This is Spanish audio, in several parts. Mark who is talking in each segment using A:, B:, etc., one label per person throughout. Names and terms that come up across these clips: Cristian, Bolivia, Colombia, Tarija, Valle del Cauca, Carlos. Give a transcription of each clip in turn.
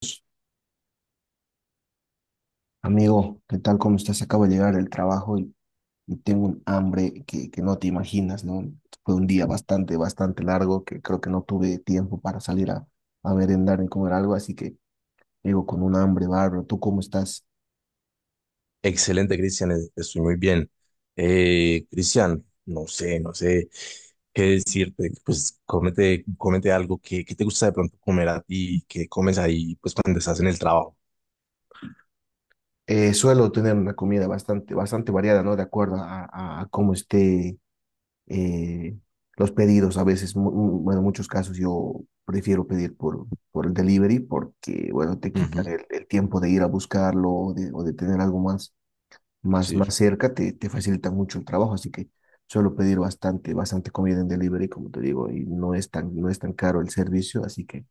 A: Pues, amigo, ¿qué tal? ¿Cómo estás? Acabo de llegar del trabajo y tengo un hambre que, no te imaginas, ¿no? Fue un día bastante largo que creo que no tuve tiempo para salir a merendar ni comer algo, así que llego con un hambre bárbaro. ¿Tú cómo estás?
B: Excelente, Cristian, estoy muy bien. Cristian, no sé, qué decirte. Pues cómete algo que te gusta de pronto comer a ti, que comes ahí pues cuando estás en el trabajo.
A: Suelo tener una comida bastante variada, ¿no? De acuerdo a cómo esté eh, los pedidos a veces, bueno, en muchos casos yo prefiero pedir por el delivery porque, bueno, te
B: Ujú,
A: quitan el tiempo de ir a buscarlo o de tener algo más,
B: sí.
A: más cerca, te facilita mucho el trabajo, así que suelo pedir bastante comida en delivery, como te digo, y no es tan caro el servicio, así que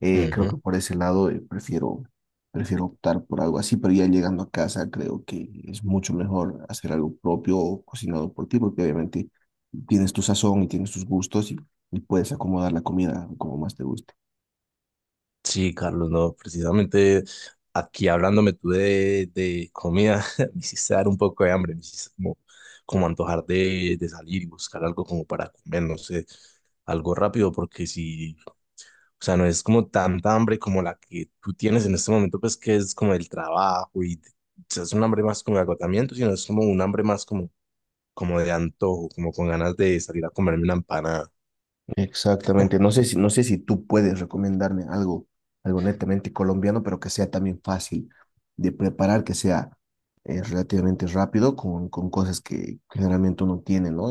A: creo que
B: Ujú.
A: por ese lado prefiero optar por algo así, pero ya llegando a casa creo que es mucho mejor hacer algo propio o cocinado por ti, porque obviamente tienes tu sazón y tienes tus gustos y puedes acomodar la comida como más te guste.
B: Sí, Carlos, no, precisamente aquí hablándome tú de comida, me hiciste dar un poco de hambre, me hiciste como antojar de salir y buscar algo como para comer, no sé, algo rápido, porque si. O sea, no es como tanta hambre como la que tú tienes en este momento, pues que es como el trabajo y o sea, es un hambre más como de agotamiento, sino es como un hambre más como de antojo, como con ganas de salir a comerme una empanada.
A: Exactamente. No sé si tú puedes recomendarme algo, algo netamente colombiano, pero que sea también fácil de preparar, que sea relativamente rápido con cosas que generalmente uno tiene, ¿no?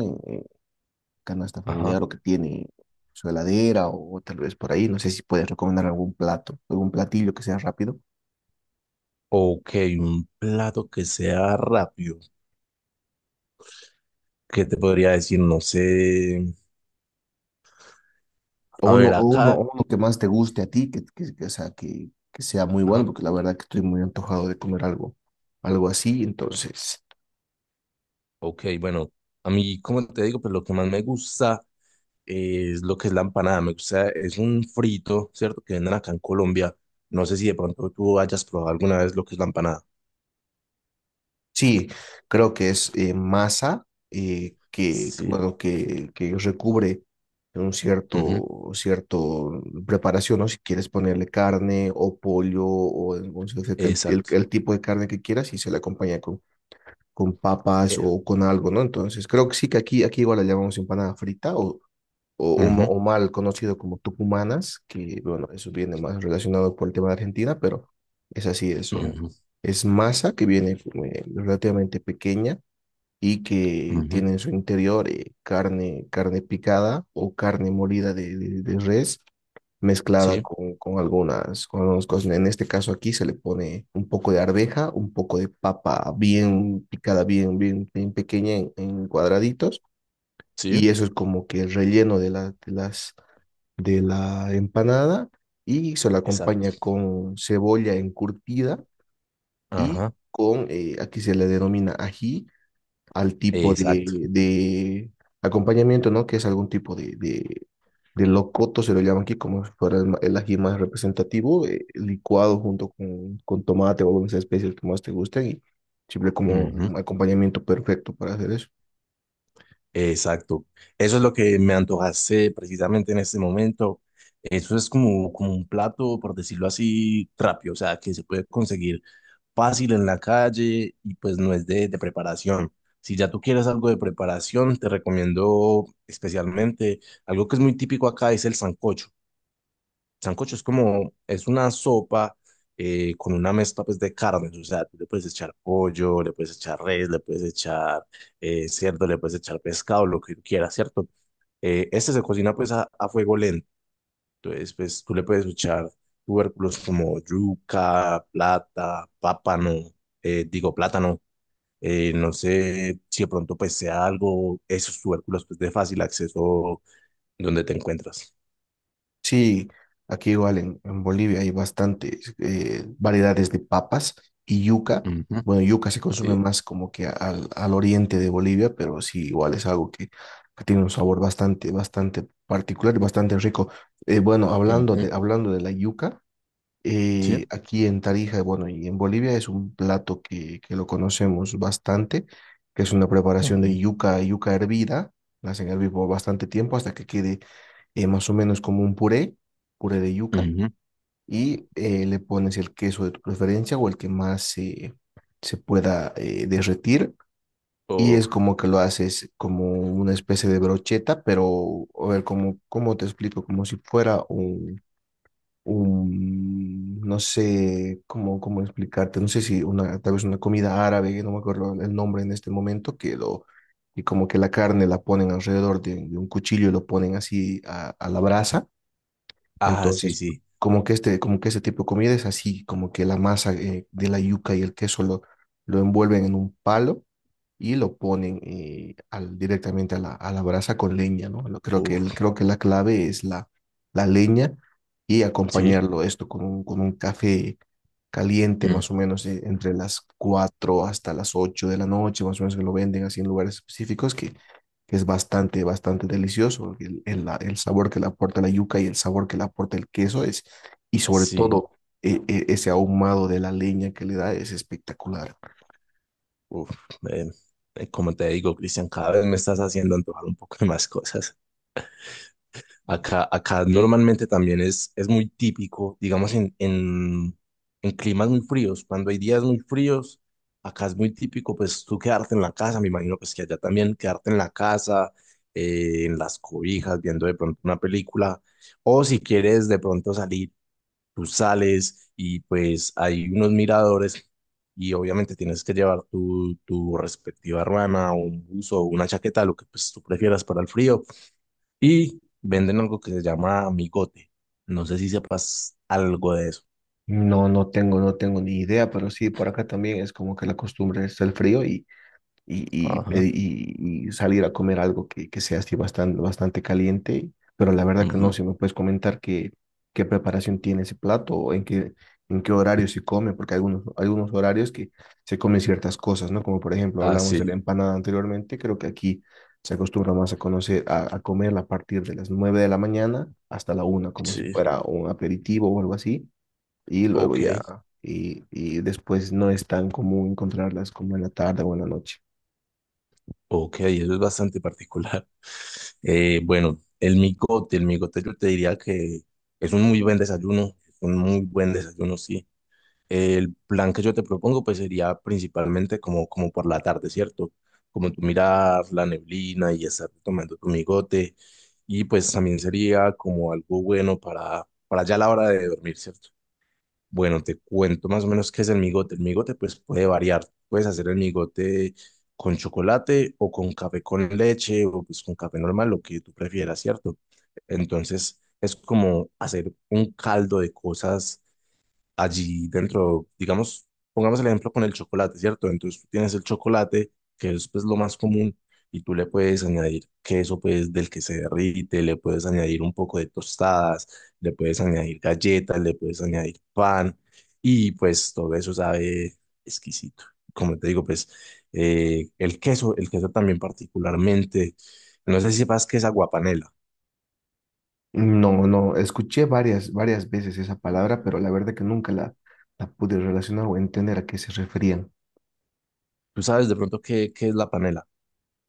A: Canasta
B: Ajá.
A: familiar o que tiene su heladera o tal vez por ahí. No sé si puedes recomendar algún plato, algún platillo que sea rápido.
B: Ok, un plato que sea rápido. ¿Qué te podría decir? No sé. A ver, acá.
A: O uno que más te guste a ti, o sea, que sea muy bueno,
B: Ajá.
A: porque la verdad que estoy muy antojado de comer algo, algo así. Entonces,
B: Ok, bueno, a mí, como te digo, pues lo que más me gusta es lo que es la empanada. Me gusta, es un frito, ¿cierto? Que venden acá en Colombia. No sé si de pronto tú hayas probado alguna vez lo que es la empanada.
A: sí, creo que es masa
B: Sí,
A: bueno, que recubre un
B: ujú.
A: cierto preparación, ¿no? Si quieres ponerle carne o pollo o sea,
B: Exacto.
A: el tipo de carne que quieras y se le acompaña con papas
B: Eh,
A: o con algo, ¿no? Entonces creo que sí que aquí igual la llamamos empanada frita o,
B: Ujú.
A: o mal conocido como tucumanas, que bueno, eso viene más relacionado por el tema de Argentina, pero es así,
B: Ujú,
A: es masa que viene relativamente pequeña y que
B: ujú.
A: tiene en su interior carne, carne picada o carne molida de res, mezclada
B: Sí,
A: con algunas cosas. En este caso aquí se le pone un poco de arveja, un poco de papa bien picada, bien pequeña en cuadraditos,
B: sí,
A: y eso es como que el relleno de las de la empanada, y se la acompaña
B: exacto.
A: con cebolla encurtida y
B: Ajá,
A: con, aquí se le denomina ají, al tipo
B: exacto.
A: de acompañamiento, ¿no? Que es algún tipo de locoto, se lo llaman aquí como si fuera el ají más representativo, licuado junto con tomate o algunas especies que más te gusten y siempre como
B: Ujú,
A: un acompañamiento perfecto para hacer eso.
B: exacto. Eso es lo que me antojaste precisamente en este momento. Eso es como, como un plato, por decirlo así, rápido, o sea, que se puede conseguir fácil en la calle y pues no es de preparación. Si ya tú quieres algo de preparación, te recomiendo especialmente algo que es muy típico acá, es el sancocho. Sancocho es como, es una sopa con una mezcla pues de carnes, o sea, tú le puedes echar pollo, le puedes echar res, le puedes echar cerdo, le puedes echar pescado, lo que tú quieras, ¿cierto? Este se cocina pues a fuego lento. Entonces, pues tú le puedes echar tubérculos como yuca, plata, pápano, digo plátano. No sé si de pronto pues sea algo, esos tubérculos pues de fácil acceso donde te encuentras.
A: Sí, aquí igual en Bolivia hay bastantes variedades de papas y yuca.
B: Ujú,
A: Bueno, yuca se consume
B: sí.
A: más como que al oriente de Bolivia, pero sí, igual es algo que tiene un sabor bastante particular y bastante rico. Bueno,
B: Ujú,
A: hablando de la yuca,
B: sí.
A: aquí en Tarija, bueno, y en Bolivia es un plato que lo conocemos bastante, que es una preparación de
B: Ujú,
A: yuca, yuca hervida. La hacen hervir por bastante tiempo hasta que quede más o menos como un puré, puré de yuca,
B: ujú.
A: y le pones el queso de tu preferencia o el que más se pueda derretir. Y
B: O,
A: es como que lo haces como una especie de brocheta, pero a ver, como, ¿cómo te explico? Como si fuera un no sé cómo, cómo explicarte, no sé si una, tal vez una comida árabe, no me acuerdo el nombre en este momento, y como que la carne la ponen alrededor de un cuchillo y lo ponen así a la brasa.
B: ah, sí,
A: Entonces,
B: sí.
A: como que este tipo de comida es así, como que la masa de la yuca y el queso lo envuelven en un palo y lo ponen al, directamente a la brasa con leña, ¿no?
B: Uf,
A: Creo que la clave es la, la leña y
B: sí.
A: acompañarlo esto con un café caliente, más o
B: Mm.
A: menos entre las 4 hasta las 8 de la noche, más o menos que lo venden así en lugares específicos que es bastante delicioso. El el sabor que le aporta la yuca y el sabor que le aporta el queso es, y sobre
B: Sí.
A: todo ese ahumado de la leña que le da es espectacular.
B: Uf, eh, como te digo, Cristian, cada vez me estás haciendo antojar un poco de más cosas. Acá, acá normalmente también es muy típico, digamos, en climas muy fríos. Cuando hay días muy fríos, acá es muy típico, pues tú quedarte en la casa, me imagino pues que allá también quedarte en la casa, en las cobijas, viendo de pronto una película. O si quieres de pronto salir, tú sales y pues hay unos miradores y obviamente tienes que llevar tu respectiva ruana o un buzo o una chaqueta, lo que pues tú prefieras para el frío y venden algo que se llama amigote. No sé si sepas algo de eso.
A: No, no tengo ni idea, pero sí, por acá también es como que la costumbre es el frío y,
B: Ajá.
A: y salir a comer algo que sea así bastante caliente, pero la verdad que no,
B: Ujú.
A: si me puedes comentar qué preparación tiene ese plato en qué horario se come, porque hay algunos, algunos horarios que se comen ciertas cosas, ¿no? Como por ejemplo
B: Ah,
A: hablamos de la
B: sí,
A: empanada anteriormente, creo que aquí se acostumbra más a conocer, a comerla a partir de las 9 de la mañana hasta la una como si
B: sí.
A: fuera un aperitivo o algo así, y luego
B: Ok,
A: ya... Y, y después no es tan común encontrarlas como en la tarde o en la noche.
B: ok, eso es bastante particular. Bueno, el migote yo te diría que es un muy buen desayuno, es un muy buen desayuno, sí. El plan que yo te propongo pues sería principalmente como, como por la tarde, ¿cierto? Como tú mirar la neblina y estar tomando tu migote y pues también sería como algo bueno para ya la hora de dormir, ¿cierto? Bueno, te cuento más o menos qué es el migote. El migote pues puede variar. Puedes hacer el migote con chocolate o con café con leche o pues con café normal, lo que tú prefieras, ¿cierto? Entonces es como hacer un caldo de cosas allí dentro, digamos, pongamos el ejemplo con el chocolate, ¿cierto? Entonces tú tienes el chocolate, que es pues lo más común, y tú le puedes añadir queso pues del que se derrite, le puedes añadir un poco de tostadas, le puedes añadir galletas, le puedes añadir pan, y pues todo eso sabe exquisito. Como te digo, pues el queso también particularmente, no sé si sepas qué es aguapanela.
A: No, no, escuché varias veces esa palabra, pero la verdad que nunca la pude relacionar o entender a qué se referían.
B: ¿Tú sabes de pronto qué es la panela?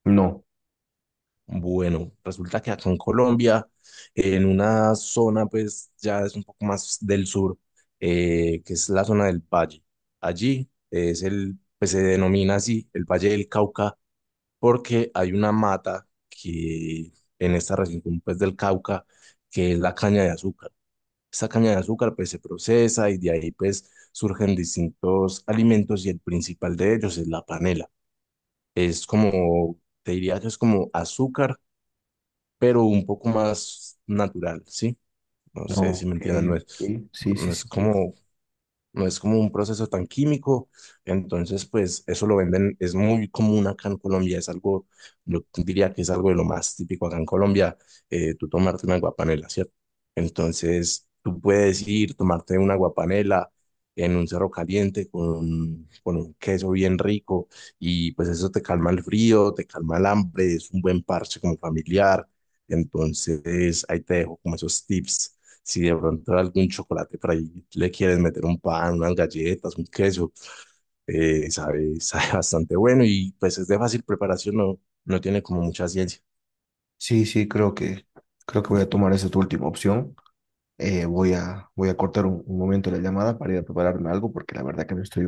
A: No,
B: Bueno, resulta que acá en Colombia, en una zona pues ya es un poco más del sur, que es la zona del Valle. Allí es el, pues se denomina así el Valle del Cauca porque hay una mata que en esta región pues del Cauca, que es la caña de azúcar. Esta caña de azúcar pues se procesa y de ahí pues surgen distintos alimentos y el principal de ellos es la panela. Es como, te diría que es como azúcar pero un poco más natural, ¿sí? No
A: no,
B: sé si me
A: ok,
B: entiendan, no
A: ok,
B: es,
A: sí, sí,
B: no
A: sí,
B: es
A: sí.
B: como, no es como un proceso tan químico, entonces pues eso lo venden, es muy común acá en Colombia, es algo, yo diría que es algo de lo más típico acá en Colombia, tú tomarte una aguapanela, ¿cierto? Entonces tú puedes ir, tomarte una aguapanela en un cerro caliente con un queso bien rico y pues eso te calma el frío, te calma el hambre, es un buen parche como familiar, entonces ahí te dejo como esos tips. Si de pronto algún chocolate por ahí le quieres meter un pan, unas galletas, un queso, sabe, sabe bastante bueno y pues es de fácil preparación, no, no tiene como mucha ciencia.
A: Sí, sí, creo que voy a tomar esa tu última opción. Voy a cortar un momento la llamada para ir a prepararme algo, porque la verdad que me estoy,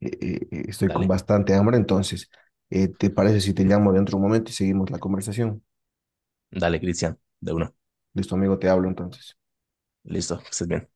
A: estoy con
B: Dale,
A: bastante hambre. Entonces, ¿te parece si te llamo dentro de un momento y seguimos la conversación?
B: dale, Cristian, de una.
A: Listo, amigo, te hablo entonces.
B: Listo, que estés bien.